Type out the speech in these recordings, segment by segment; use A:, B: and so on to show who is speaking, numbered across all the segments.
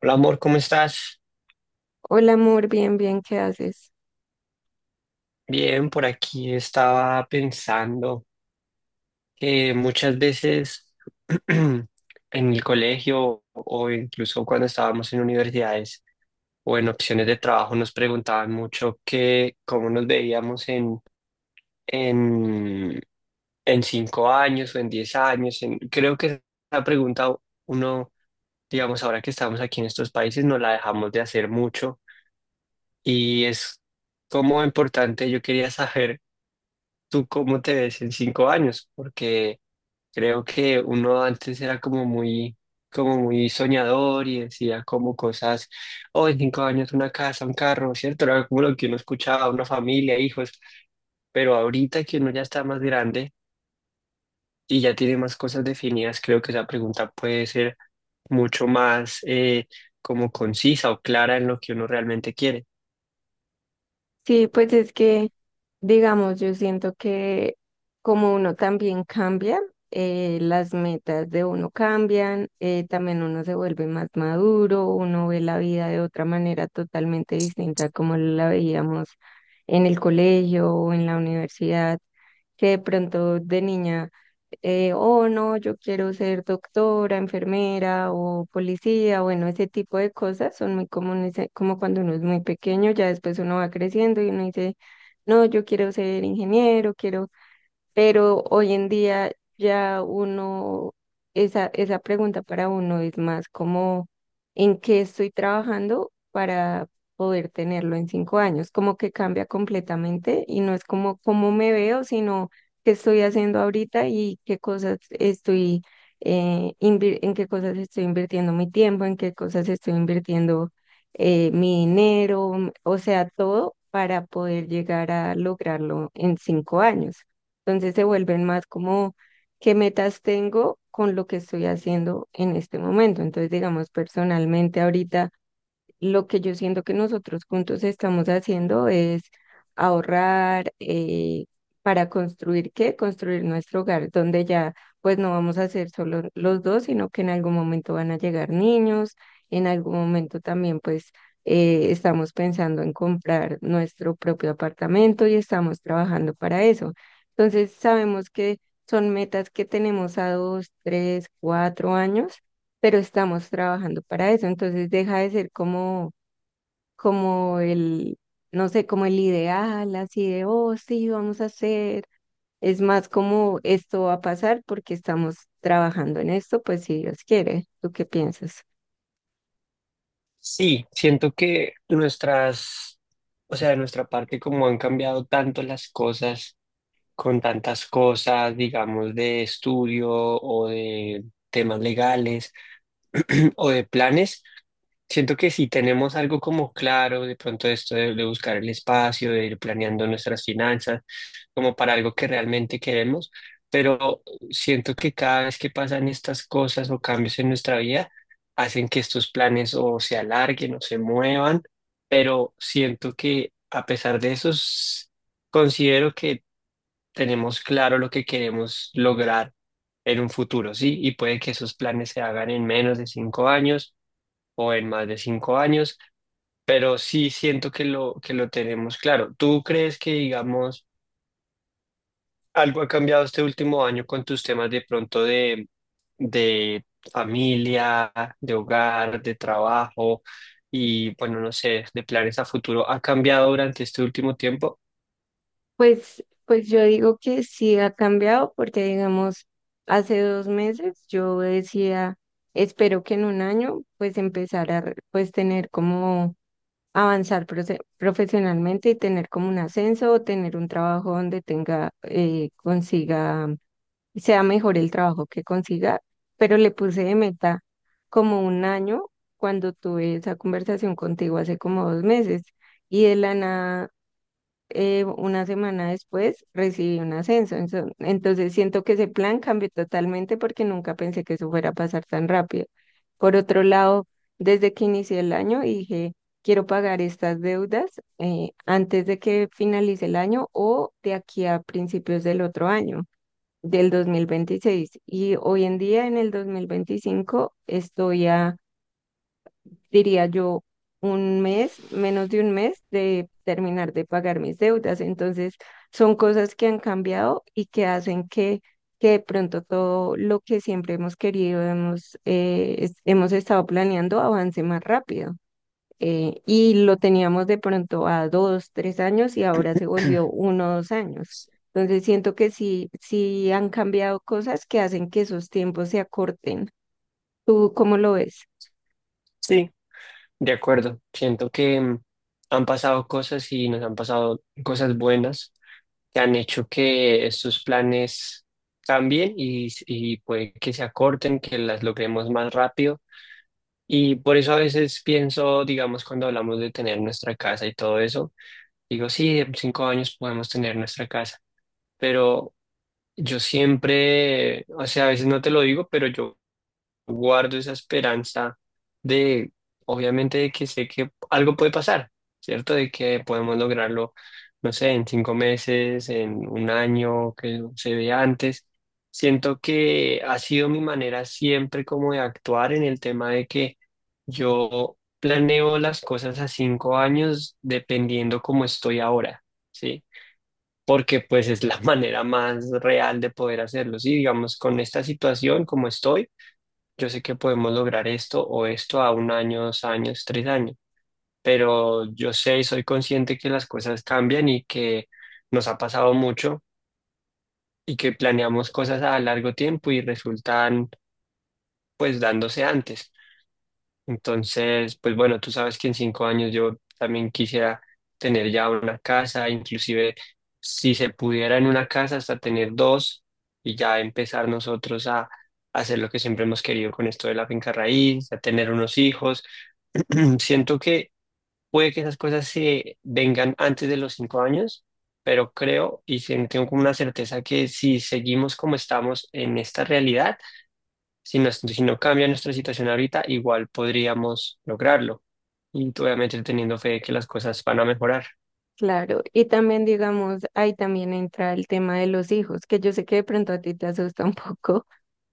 A: Hola amor, ¿cómo estás?
B: Hola amor, bien, bien, ¿qué haces?
A: Bien, por aquí estaba pensando que muchas veces en el colegio o incluso cuando estábamos en universidades o en opciones de trabajo nos preguntaban mucho que cómo nos veíamos en, en 5 años o en 10 años. Creo que esa pregunta uno, digamos, ahora que estamos aquí en estos países, nos la dejamos de hacer mucho. Y es como importante, yo quería saber tú cómo te ves en 5 años, porque creo que uno antes era como muy soñador y decía como cosas, oh, en 5 años una casa, un carro, ¿cierto? Era como lo que uno escuchaba, una familia, hijos, pero ahorita que uno ya está más grande y ya tiene más cosas definidas, creo que esa pregunta puede ser mucho más como concisa o clara en lo que uno realmente quiere.
B: Sí, pues es que, digamos, yo siento que como uno también cambia, las metas de uno cambian, también uno se vuelve más maduro, uno ve la vida de otra manera totalmente distinta a como la veíamos en el colegio o en la universidad, que de pronto de niña oh no, yo quiero ser doctora, enfermera o policía. Bueno, ese tipo de cosas son muy comunes, como cuando uno es muy pequeño, ya después uno va creciendo y uno dice, no, yo quiero ser ingeniero, quiero. Pero hoy en día ya uno, esa pregunta para uno es más como, ¿en qué estoy trabajando para poder tenerlo en 5 años? Como que cambia completamente y no es como cómo me veo, sino qué estoy haciendo ahorita y qué cosas estoy, en qué cosas estoy invirtiendo mi tiempo, en qué cosas estoy invirtiendo mi dinero, o sea, todo para poder llegar a lograrlo en 5 años. Entonces se vuelven más como qué metas tengo con lo que estoy haciendo en este momento. Entonces, digamos, personalmente ahorita lo que yo siento que nosotros juntos estamos haciendo es ahorrar para construir qué, construir nuestro hogar, donde ya pues no vamos a ser solo los dos, sino que en algún momento van a llegar niños. En algún momento también pues estamos pensando en comprar nuestro propio apartamento y estamos trabajando para eso. Entonces sabemos que son metas que tenemos a 2, 3, 4 años, pero estamos trabajando para eso. Entonces deja de ser como el, no sé, como el ideal, así de, oh, sí, vamos a hacer. Es más como esto va a pasar porque estamos trabajando en esto, pues si Dios quiere. ¿Tú qué piensas?
A: Sí, siento que nuestras, o sea, de nuestra parte, como han cambiado tanto las cosas, con tantas cosas, digamos, de estudio o de temas legales o de planes. Siento que si tenemos algo como claro, de pronto esto de buscar el espacio, de ir planeando nuestras finanzas, como para algo que realmente queremos, pero siento que cada vez que pasan estas cosas o cambios en nuestra vida, hacen que estos planes o se alarguen o se muevan, pero siento que a pesar de eso, considero que tenemos claro lo que queremos lograr en un futuro, ¿sí? Y puede que esos planes se hagan en menos de 5 años o en más de 5 años, pero sí siento que que lo tenemos claro. ¿Tú crees que, digamos, algo ha cambiado este último año con tus temas de pronto de familia, de hogar, de trabajo y, bueno, no sé, de planes a futuro? ¿Ha cambiado durante este último tiempo?
B: Pues yo digo que sí ha cambiado porque, digamos, hace 2 meses yo decía, espero que en un año pues empezar a, pues tener como avanzar profesionalmente y tener como un ascenso o tener un trabajo donde tenga, consiga, sea mejor el trabajo que consiga, pero le puse de meta como un año cuando tuve esa conversación contigo hace como 2 meses y de la nada una semana después recibí un ascenso. Entonces siento que ese plan cambió totalmente porque nunca pensé que eso fuera a pasar tan rápido. Por otro lado, desde que inicié el año dije, quiero pagar estas deudas antes de que finalice el año o de aquí a principios del otro año, del 2026. Y hoy en día, en el 2025, estoy a, diría yo, un mes, menos de un mes de terminar de pagar mis deudas. Entonces, son cosas que han cambiado y que hacen que de pronto todo lo que siempre hemos querido, hemos estado planeando, avance más rápido. Y lo teníamos de pronto a 2, 3 años y ahora se volvió uno o dos años. Entonces siento que sí, sí han cambiado cosas que hacen que esos tiempos se acorten. ¿Tú cómo lo ves?
A: Sí, de acuerdo. Siento que han pasado cosas y nos han pasado cosas buenas que han hecho que estos planes cambien y puede que se acorten, que las logremos más rápido. Y por eso a veces pienso, digamos, cuando hablamos de tener nuestra casa y todo eso, digo, sí, en 5 años podemos tener nuestra casa, pero yo siempre, o sea, a veces no te lo digo, pero yo guardo esa esperanza de, obviamente, de que sé que algo puede pasar, ¿cierto? De que podemos lograrlo, no sé, en 5 meses, en un año, que se vea antes. Siento que ha sido mi manera siempre como de actuar en el tema de que yo planeo las cosas a 5 años dependiendo cómo estoy ahora, ¿sí? Porque pues es la manera más real de poder hacerlo, ¿sí? Digamos, con esta situación como estoy, yo sé que podemos lograr esto o esto a un año, 2 años, 3 años, pero yo sé y soy consciente que las cosas cambian y que nos ha pasado mucho y que planeamos cosas a largo tiempo y resultan pues dándose antes. Entonces, pues bueno, tú sabes que en 5 años yo también quisiera tener ya una casa, inclusive si se pudiera en una casa hasta tener dos y ya empezar nosotros a hacer lo que siempre hemos querido con esto de la finca raíz, a tener unos hijos. Siento que puede que esas cosas se vengan antes de los 5 años, pero creo y tengo como una certeza que si seguimos como estamos en esta realidad, si no, si no cambia nuestra situación ahorita, igual podríamos lograrlo. Y obviamente teniendo fe de que las cosas van a mejorar.
B: Claro, y también digamos, ahí también entra el tema de los hijos, que yo sé que de pronto a ti te asusta un poco,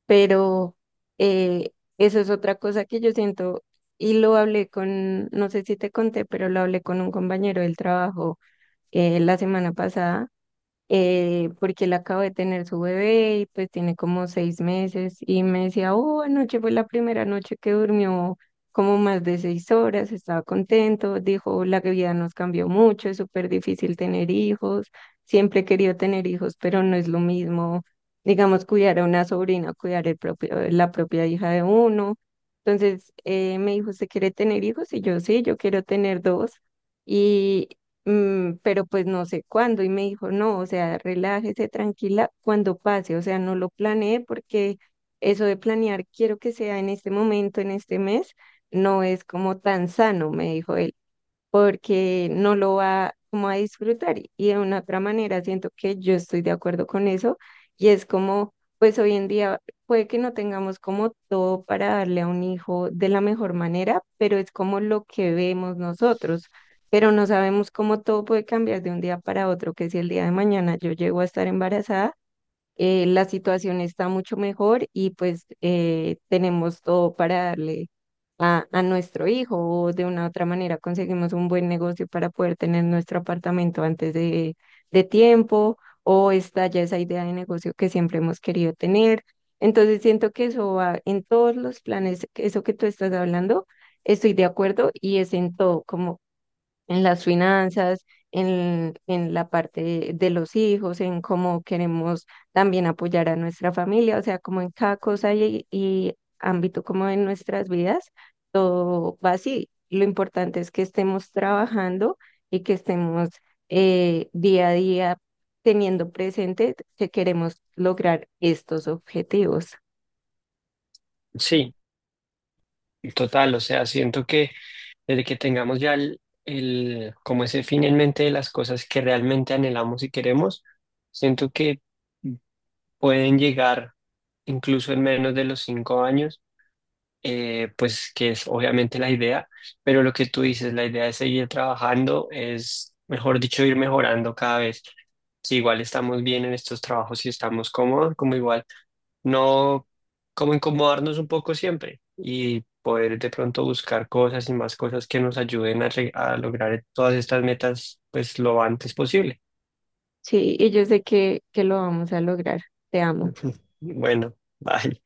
B: pero eh, eso es otra cosa que yo siento y lo hablé con, no sé si te conté, pero lo hablé con un compañero del trabajo la semana pasada porque él acaba de tener su bebé y pues tiene como 6 meses y me decía, oh, anoche fue la primera noche que durmió como más de 6 horas, estaba contento, dijo, la vida nos cambió mucho, es súper difícil tener hijos, siempre he querido tener hijos, pero no es lo mismo, digamos, cuidar a una sobrina, cuidar el propio, la propia hija de uno. Entonces me dijo, ¿usted quiere tener hijos? Y yo sí, yo quiero tener dos, pero pues no sé cuándo. Y me dijo, no, o sea, relájese, tranquila, cuando pase. O sea, no lo planeé porque eso de planear, quiero que sea en este momento, en este mes, no es como tan sano, me dijo él, porque no lo va como a disfrutar. Y de una otra manera siento que yo estoy de acuerdo con eso y es como, pues hoy en día puede que no tengamos como todo para darle a un hijo de la mejor manera, pero es como lo que vemos nosotros. Pero no sabemos cómo todo puede cambiar de un día para otro, que si el día de mañana yo llego a estar embarazada, la situación está mucho mejor y pues tenemos todo para darle a nuestro hijo, o de una u otra manera conseguimos un buen negocio para poder tener nuestro apartamento antes de tiempo, o está ya esa idea de negocio que siempre hemos querido tener. Entonces siento que eso va en todos los planes, que eso que tú estás hablando, estoy de acuerdo y es en todo, como en las finanzas, en la parte de los hijos, en cómo queremos también apoyar a nuestra familia, o sea, como en cada cosa y ámbito como en nuestras vidas, todo va así. Lo importante es que estemos trabajando y que estemos día a día teniendo presente que queremos lograr estos objetivos.
A: Sí, total, o sea, siento que desde que tengamos ya el como ese fin en mente de las cosas que realmente anhelamos y queremos, siento que pueden llegar incluso en menos de los 5 años, pues que es obviamente la idea, pero lo que tú dices, la idea es seguir trabajando, es, mejor dicho, ir mejorando cada vez. Si igual estamos bien en estos trabajos y estamos cómodos, como igual no como incomodarnos un poco siempre y poder de pronto buscar cosas y más cosas que nos ayuden a, a lograr todas estas metas pues lo antes posible.
B: Sí, y yo sé que lo vamos a lograr. Te amo.
A: Bueno, bye.